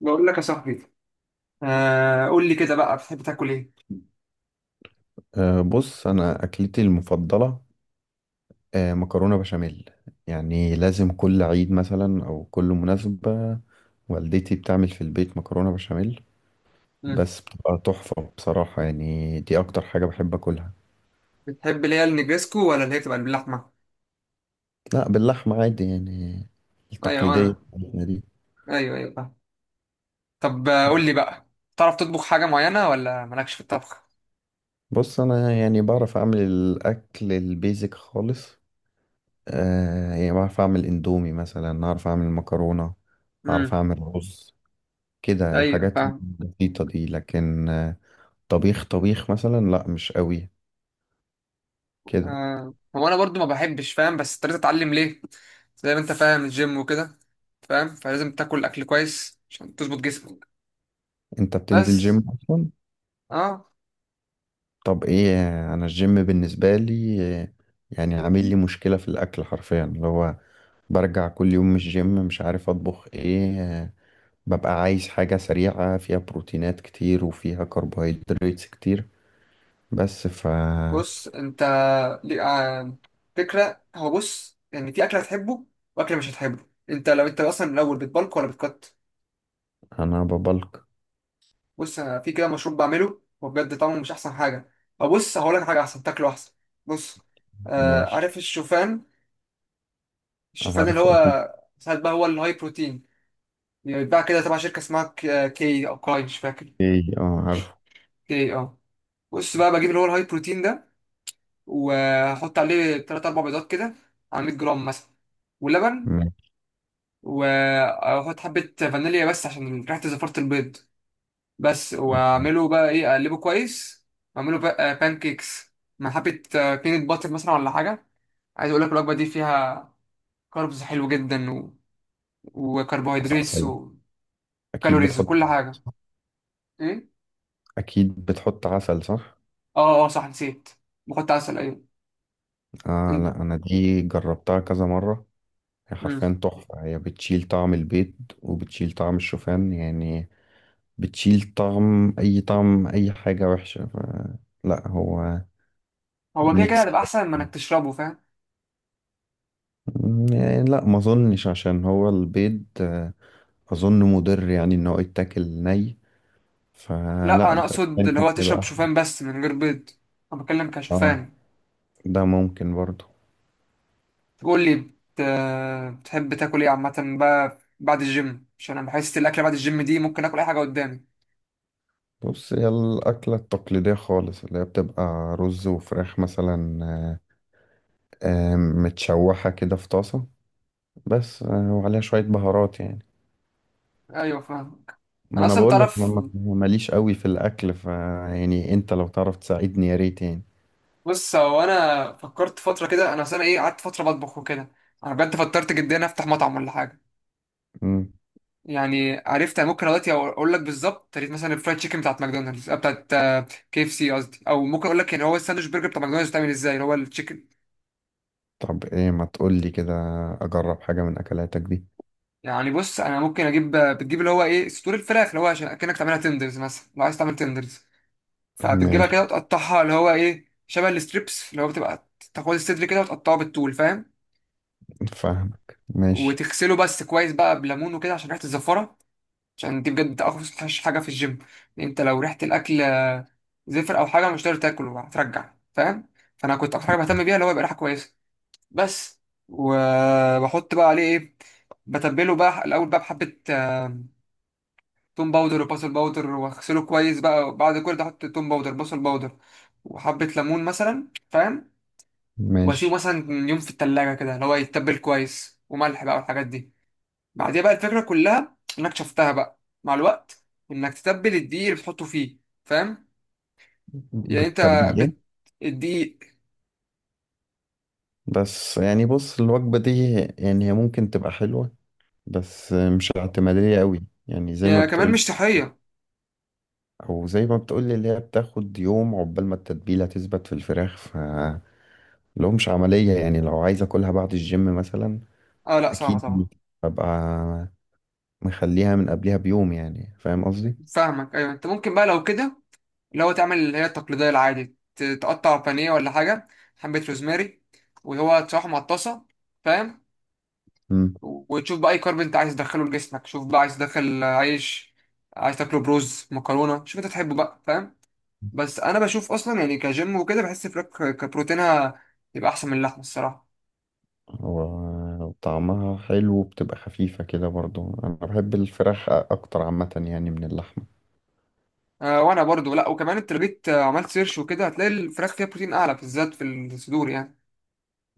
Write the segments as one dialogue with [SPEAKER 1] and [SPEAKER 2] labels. [SPEAKER 1] بقول لك يا صاحبي. قول لي كده بقى، بتحب تاكل ايه؟
[SPEAKER 2] بص، انا اكلتي المفضله مكرونه بشاميل. يعني لازم كل عيد مثلا او كل مناسبه والدتي بتعمل في البيت مكرونه بشاميل.
[SPEAKER 1] مم.
[SPEAKER 2] بس بتبقى تحفه بصراحه، يعني دي اكتر حاجه بحب اكلها.
[SPEAKER 1] بتحب اللي هي النجريسكو، ولا اللي هي بتبقى باللحمه؟
[SPEAKER 2] لا، باللحمه عادي يعني،
[SPEAKER 1] ايوه
[SPEAKER 2] التقليديه
[SPEAKER 1] انا
[SPEAKER 2] بتاعتنا دي.
[SPEAKER 1] ايوه، ايوه، فاهم. طب، قول لي بقى، تعرف تطبخ حاجه معينه، ولا مالكش في الطبخ؟
[SPEAKER 2] بص، انا يعني بعرف اعمل الاكل البيزك خالص. يعني بعرف اعمل اندومي مثلا، اعرف اعمل مكرونه، اعرف
[SPEAKER 1] امم.
[SPEAKER 2] اعمل رز، كده
[SPEAKER 1] ايوه،
[SPEAKER 2] الحاجات
[SPEAKER 1] فاهم.
[SPEAKER 2] البسيطه دي. لكن طبيخ طبيخ مثلا لا، مش قوي كده.
[SPEAKER 1] آه. هو انا برضو ما بحبش، فاهم، بس اضطريت اتعلم ليه؟ زي ما انت فاهم، الجيم وكده، فاهم، فلازم تاكل اكل كويس عشان تظبط جسمك.
[SPEAKER 2] انت بتنزل
[SPEAKER 1] بس
[SPEAKER 2] جيم اصلا؟
[SPEAKER 1] اه
[SPEAKER 2] طب ايه، انا الجيم بالنسبه لي يعني عامل لي مشكله في الاكل. حرفيا اللي هو برجع كل يوم من الجيم مش عارف اطبخ ايه. ببقى عايز حاجه سريعه فيها بروتينات كتير وفيها كربوهيدرات كتير. بس.
[SPEAKER 1] بص انت، لي- آه، فكرة. هو بص يعني في أكل هتحبه وأكل مش هتحبه، انت لو انت أصلا من الأول بتبلك ولا بتقط.
[SPEAKER 2] انا ببلك.
[SPEAKER 1] بص أنا في كده مشروب بعمله وبجد طعمه مش أحسن حاجة. أو بص، هقول لك حاجة أحسن تاكله أحسن. بص،
[SPEAKER 2] ماشي.
[SPEAKER 1] عارف الشوفان؟ الشوفان اللي
[SPEAKER 2] عارفه اكيد.
[SPEAKER 1] هو ساعات بقى هو الهاي بروتين. بيتباع كده تبع شركة اسمها كي أو كاي، مش فاكر.
[SPEAKER 2] ايه اه، عارفه.
[SPEAKER 1] كي، بص بقى بجيب اللي هو الهاي بروتين ده، وأحط عليه تلات أربع بيضات كده، على 100 جرام مثلا، ولبن،
[SPEAKER 2] ماشي.
[SPEAKER 1] واحط حبة فانيليا بس عشان ريحة زفارة البيض. بس واعمله بقى ايه، اقلبه كويس، واعمله بقى بان كيكس، مع حبة بينت باتر مثلا ولا حاجة. عايز اقول لك الوجبة دي فيها كاربز حلو جدا، وكربوهيدراتس
[SPEAKER 2] عسل، اكيد
[SPEAKER 1] وكالوريز
[SPEAKER 2] بتحط
[SPEAKER 1] وكل
[SPEAKER 2] عسل
[SPEAKER 1] حاجة.
[SPEAKER 2] صح؟
[SPEAKER 1] ايه،
[SPEAKER 2] اكيد بتحط عسل صح.
[SPEAKER 1] اه اه، صح، نسيت. بحط عسل، ايوه.
[SPEAKER 2] آه
[SPEAKER 1] إن-
[SPEAKER 2] لا، أنا دي جربتها كذا مرة. هي
[SPEAKER 1] مم.
[SPEAKER 2] حرفيا تحفة، هي بتشيل طعم البيض وبتشيل طعم الشوفان يعني، بتشيل طعم أي طعم أي حاجة وحشة لا، هو
[SPEAKER 1] هو كده كده
[SPEAKER 2] ميكس.
[SPEAKER 1] هتبقى احسن من انك تشربه، فاهم.
[SPEAKER 2] يعني لا، ما أظنش عشان هو البيض، أظن مضر يعني إن هو يتاكل ني.
[SPEAKER 1] لا،
[SPEAKER 2] فلا
[SPEAKER 1] انا
[SPEAKER 2] ب-
[SPEAKER 1] اقصد اللي
[SPEAKER 2] pancake
[SPEAKER 1] هو
[SPEAKER 2] يبقى
[SPEAKER 1] تشرب
[SPEAKER 2] أحسن.
[SPEAKER 1] شوفان بس من غير بيض. انا بتكلم
[SPEAKER 2] آه،
[SPEAKER 1] كشوفان.
[SPEAKER 2] ده ممكن برضه.
[SPEAKER 1] قول لي بت... بتحب تاكل ايه عامة بقى بعد الجيم؟ عشان انا بحس الاكل بعد الجيم دي ممكن اكل اي حاجة قدامي.
[SPEAKER 2] بص، هي الأكلة التقليدية خالص اللي هي بتبقى رز وفراخ مثلا، متشوحة كده في طاسة. بس وعليها شوية بهارات يعني.
[SPEAKER 1] ايوه، فاهم.
[SPEAKER 2] ما
[SPEAKER 1] انا
[SPEAKER 2] انا
[SPEAKER 1] اصلا
[SPEAKER 2] بقول لك، انا
[SPEAKER 1] تعرف،
[SPEAKER 2] ما- ماليش قوي في الاكل. ف يعني انت لو تعرف تساعدني يا ريت يعني.
[SPEAKER 1] بص هو انا فكرت فترة كده، انا اصلا ايه، قعدت فترة بطبخ وكده. انا بجد فكرت جدا افتح مطعم ولا حاجة.
[SPEAKER 2] مم.
[SPEAKER 1] يعني عرفت أنا ممكن دلوقتي اقول لك بالظبط طريقة مثلا الفرايد تشيكن بتاعت ماكدونالدز، آه، بتاعت آه، كي اف سي قصدي. او ممكن اقول لك يعني هو الساندوتش برجر بتاع ماكدونالدز بتعمل ازاي اللي هو التشيكن.
[SPEAKER 2] طب ايه، ما تقول لي كده اجرب حاجة من اكلاتك دي.
[SPEAKER 1] يعني بص انا ممكن اجيب، بتجيب اللي هو ايه صدور الفراخ، اللي هو عشان اكنك تعملها تندرز مثلا، لو عايز تعمل تندرز. فبتجيبها
[SPEAKER 2] ماشي.
[SPEAKER 1] كده وتقطعها اللي هو ايه شبه الستريبس، اللي هو بتبقى تاخد الصدر كده وتقطعه بالطول، فاهم.
[SPEAKER 2] فاهمك، ماشي.
[SPEAKER 1] وتغسله بس كويس بقى بليمون وكده عشان ريحه الزفاره. عشان دي بجد اوحش حاجه في الجيم، لأن انت لو ريحه الاكل زفر او حاجه مش هتقدر تاكله، هترجع، فاهم. فانا كنت اكتر حاجه بهتم بيها اللي هو يبقى ريحه كويسه بس. وبحط بقى عليه ايه، بتبله بقى الاول بقى بحبه، توم باودر وبصل باودر، واغسله كويس بقى، وبعد كل ده احط توم باودر بصل باودر وحبه ليمون مثلا، فاهم. واسيبه
[SPEAKER 2] ماشي.
[SPEAKER 1] مثلا يوم في التلاجة كده اللي هو يتبل كويس، وملح بقى والحاجات دي. بعديها بقى الفكرة كلها انك شفتها بقى مع الوقت، انك تتبل الدقيق اللي بتحطه فيه، فاهم. يعني انت،
[SPEAKER 2] بالتبليل إيه؟
[SPEAKER 1] بت... الدقيق.
[SPEAKER 2] بس يعني بص، الوجبة دي يعني هي ممكن تبقى حلوة، بس مش اعتمادية قوي. يعني زي ما
[SPEAKER 1] يعني كمان
[SPEAKER 2] بتقول،
[SPEAKER 1] مش صحية.
[SPEAKER 2] وزي ما بتقولي اللي هي بتاخد يوم عقبال ما التتبيلة تثبت في الفراخ. ف لو مش عملية يعني، لو عايز اكلها بعد الجيم مثلا.
[SPEAKER 1] اه لا، صعبة
[SPEAKER 2] اكيد،
[SPEAKER 1] طبعا.
[SPEAKER 2] ببقى مخليها من قبلها بيوم، يعني فاهم قصدي؟
[SPEAKER 1] فاهمك. ايوه، انت ممكن بقى لو كده اللي هو تعمل اللي هي التقليدية العادي، تقطع بانيه ولا حاجة، حبة روزماري، وهو تشرحه مع الطاسة، فاهم.
[SPEAKER 2] مم.
[SPEAKER 1] وتشوف بقى اي كارب انت عايز تدخله لجسمك، شوف بقى عايز تدخل عيش، عايز تاكله بروز، مكرونه، شوف انت تحبه بقى، فاهم. بس انا بشوف اصلا يعني كجيم وكده بحس فراخ كبروتينها يبقى احسن من اللحمه الصراحه.
[SPEAKER 2] وطعمها حلو وبتبقى خفيفة كده برضو. انا بحب الفراخ اكتر عامة يعني من اللحمة.
[SPEAKER 1] أه، وانا برضو لا، وكمان انت لو جيت عملت سيرش وكده هتلاقي الفراخ فيها بروتين اعلى، بالذات في الصدور يعني.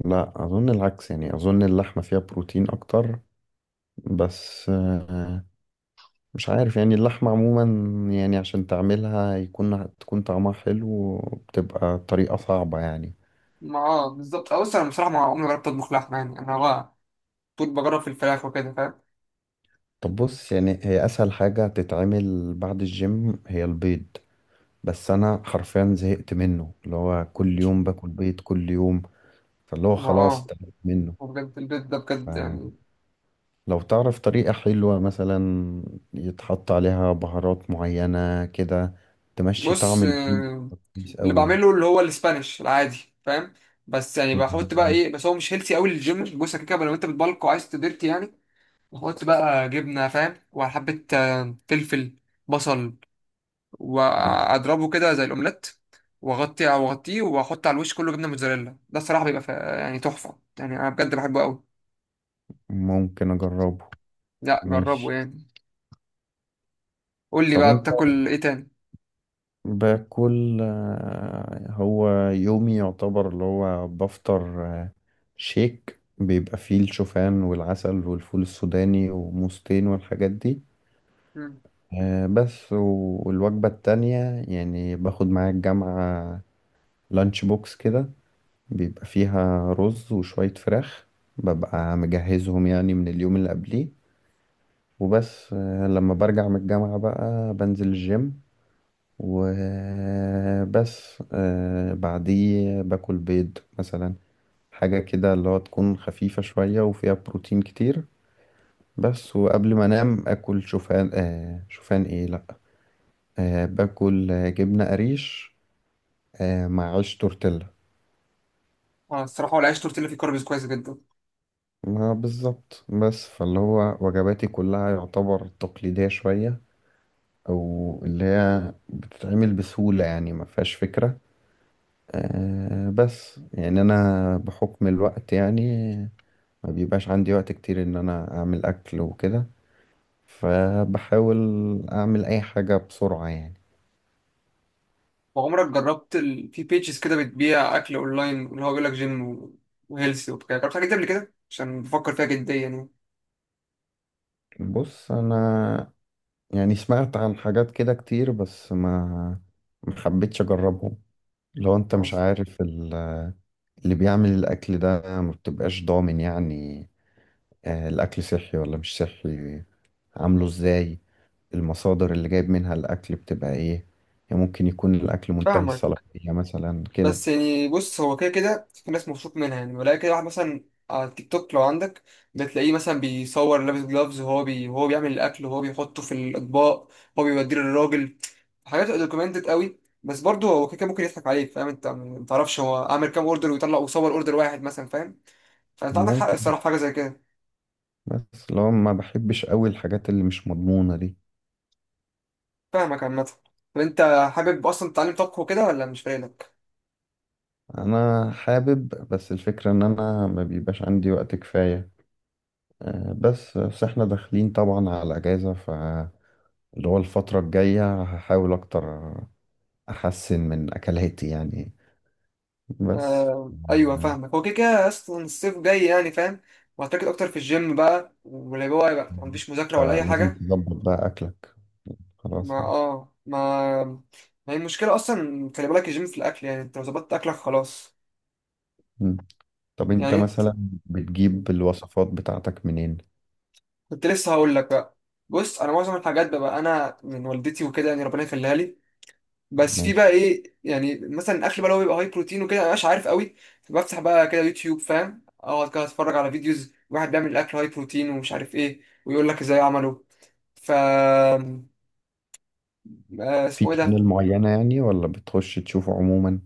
[SPEAKER 2] لا، اظن العكس يعني، اظن اللحمة فيها بروتين اكتر. بس مش عارف يعني، اللحمة عموما يعني عشان تعملها تكون طعمها حلو بتبقى طريقة صعبة يعني.
[SPEAKER 1] ما اه بالظبط. بص انا بصراحه ما عمري ما جربت اطبخ لحمه، يعني انا بقى طول بجرب في الفراخ وكده، فاهم.
[SPEAKER 2] طب بص، يعني هي أسهل حاجة تتعمل بعد الجيم هي البيض، بس أنا حرفيا زهقت منه. اللي هو كل يوم باكل بيض كل يوم، فاللي هو
[SPEAKER 1] ما
[SPEAKER 2] خلاص
[SPEAKER 1] اه
[SPEAKER 2] تعبت منه.
[SPEAKER 1] وبجد البيت ده بجد
[SPEAKER 2] فلو
[SPEAKER 1] يعني.
[SPEAKER 2] تعرف طريقة حلوة مثلا يتحط عليها بهارات معينة كده تمشي
[SPEAKER 1] بص،
[SPEAKER 2] طعم البيض كويس
[SPEAKER 1] اللي
[SPEAKER 2] أوي،
[SPEAKER 1] بعمله اللي هو الاسبانيش العادي، فاهم. بس يعني بحط بقى ايه، بس هو مش هيلثي قوي للجيم، بص كده لو انت بتبلك وعايز تديرتي يعني. بحط بقى جبنه، فاهم، وحبه فلفل، بصل، واضربه كده زي الاومليت، واغطي، واغطيه، واحط على الوش كله جبنه موتزاريلا. ده الصراحه بيبقى يعني تحفه، يعني انا بجد بحبه قوي.
[SPEAKER 2] ممكن أجربه.
[SPEAKER 1] لا جربه
[SPEAKER 2] ماشي.
[SPEAKER 1] يعني. قول لي
[SPEAKER 2] طب
[SPEAKER 1] بقى،
[SPEAKER 2] انت،
[SPEAKER 1] بتاكل ايه تاني؟
[SPEAKER 2] باكل هو يومي يعتبر اللي هو بفطر شيك بيبقى فيه الشوفان والعسل والفول السوداني وموزتين والحاجات دي.
[SPEAKER 1] مم.
[SPEAKER 2] بس والوجبة التانية يعني باخد معايا الجامعة لانش بوكس كده بيبقى فيها رز وشوية فراخ. ببقى مجهزهم يعني من اليوم اللي قبليه. وبس لما برجع من الجامعة بقى بنزل الجيم. وبس بعديه باكل بيض مثلا، حاجة كده اللي هو تكون خفيفة شوية وفيها بروتين كتير. بس وقبل ما انام اكل شوفان شوفان ايه، لا باكل جبنة قريش آه مع عيش تورتيلا.
[SPEAKER 1] اه الصراحه هو العيش تورتيلا فيه كاربز كويس جدا.
[SPEAKER 2] ما بالظبط. بس فاللي هو وجباتي كلها يعتبر تقليدية شوية، او اللي هي بتتعمل بسهولة يعني ما فيهاش فكرة. بس يعني انا بحكم الوقت يعني ما بيبقاش عندي وقت كتير ان انا اعمل اكل وكده. فبحاول اعمل اي حاجة بسرعة يعني.
[SPEAKER 1] وعمرك جربت في بيجز كده بتبيع اكل اونلاين، اللي هو بيقول لك جيم وهيلثي وبتاع؟ جربت حاجه دي قبل كده، عشان بفكر فيها جديا يعني.
[SPEAKER 2] بص، انا يعني سمعت عن حاجات كده كتير بس، ما حبيتش اجربهم. لو انت مش
[SPEAKER 1] خلاص،
[SPEAKER 2] عارف اللي بيعمل الاكل ده ما بتبقاش ضامن يعني، الاكل صحي ولا مش صحي، عامله ازاي، المصادر اللي جايب منها الاكل بتبقى ايه. يعني ممكن يكون الاكل منتهي
[SPEAKER 1] فاهمك.
[SPEAKER 2] الصلاحية مثلا كده.
[SPEAKER 1] بس يعني بص هو كده كده في ناس مبسوط منها يعني ولا كده، واحد مثلا على التيك توك لو عندك، بتلاقيه مثلا بيصور لابس جلافز، وهو وهو بيعمل الاكل وهو بيحطه في الاطباق، هو بيوديه للراجل. حاجات دوكيومنتد قوي، بس برضه هو كده كده ممكن يضحك عليك، فاهم، انت ما تعرفش هو عامل كام اوردر، ويطلع ويصور اوردر واحد مثلا، فاهم. فانت عندك حق
[SPEAKER 2] ممكن،
[SPEAKER 1] الصراحه في حاجه زي كده.
[SPEAKER 2] بس لو ما بحبش قوي الحاجات اللي مش مضمونة دي.
[SPEAKER 1] فاهمك عامة. طب انت، حابب اصلا تتعلم طبخ وكده ولا مش فايدك؟
[SPEAKER 2] انا حابب، بس الفكرة ان انا ما بيبقاش عندي وقت كفاية. بس احنا داخلين طبعا على اجازة فاللي هو الفترة الجاية هحاول اكتر، احسن من اكلاتي يعني. بس
[SPEAKER 1] آه، ايوه،
[SPEAKER 2] آه،
[SPEAKER 1] فاهمك. هو كده كده اصلا الصيف جاي يعني، فاهم. وهتركز اكتر في الجيم بقى، واللي هو يبقى مفيش مذاكرة ولا اي
[SPEAKER 2] فلازم
[SPEAKER 1] حاجة.
[SPEAKER 2] تظبط بقى اكلك
[SPEAKER 1] ما
[SPEAKER 2] خلاص يعني.
[SPEAKER 1] اه ما ما هي المشكلة اصلا، خلي بالك الجيم في الاكل، يعني انت لو ظبطت اكلك خلاص.
[SPEAKER 2] مم. طب انت
[SPEAKER 1] يعني
[SPEAKER 2] مثلا بتجيب الوصفات بتاعتك منين؟
[SPEAKER 1] كنت لسه هقول لك بقى. بص انا معظم الحاجات بقى انا من والدتي وكده، يعني ربنا يخليها لي. بس في بقى
[SPEAKER 2] ماشي.
[SPEAKER 1] ايه، يعني مثلا الاكل بقى لو بيبقى هاي بروتين وكده انا مش عارف قوي. فبفتح بقى كده يوتيوب، فاهم، اقعد كده اتفرج على فيديوز واحد بيعمل الاكل هاي بروتين ومش عارف ايه، ويقول لك ازاي عمله. ف
[SPEAKER 2] في
[SPEAKER 1] اسمه ايه ده.
[SPEAKER 2] شانل معينة يعني ولا بتخش تشوفه عموما؟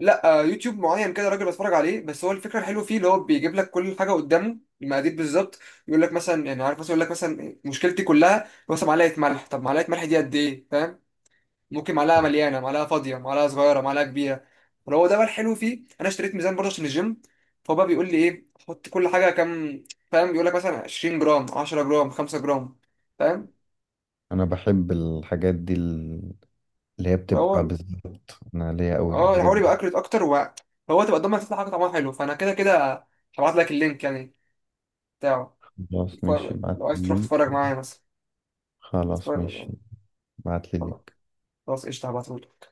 [SPEAKER 1] لا، يوتيوب معين كده راجل بتفرج عليه. بس هو الفكره الحلوه فيه اللي هو بيجيب لك كل حاجه قدامه المقادير بالظبط. يقول لك مثلا، يعني عارف مثلا يقول لك مثلا مشكلتي كلها مثلا معلقه ملح، طب معلقه ملح دي قد ايه، فاهم، ممكن معلقه مليانه، معلقه فاضيه، معلقه صغيره، معلقه كبيره. فلو هو ده بقى الحلو فيه. انا اشتريت ميزان برضه عشان الجيم. فهو بقى بيقول لي ايه، حط كل حاجه كام، فاهم، بيقول لك مثلا 20 جرام، 10 جرام، 5 جرام، فاهم.
[SPEAKER 2] انا بحب الحاجات دي، اللي هي بتبقى
[SPEAKER 1] هو
[SPEAKER 2] بالظبط. انا ليا قوي في
[SPEAKER 1] اه
[SPEAKER 2] الحاجات
[SPEAKER 1] الحوار يبقى
[SPEAKER 2] دي.
[SPEAKER 1] اكرت اكتر فهو تبقى قدامك تطلع حاجه طعمها حلو، فانا كده كده هبعت لك اللينك يعني بتاعه.
[SPEAKER 2] خلاص ماشي، ابعت
[SPEAKER 1] لو
[SPEAKER 2] لي
[SPEAKER 1] عايز تروح
[SPEAKER 2] اللينك.
[SPEAKER 1] تتفرج معايا مثلا.
[SPEAKER 2] خلاص
[SPEAKER 1] تتفرج-
[SPEAKER 2] ماشي، ابعت لي اللينك.
[SPEAKER 1] خلاص قشطه، هبعته.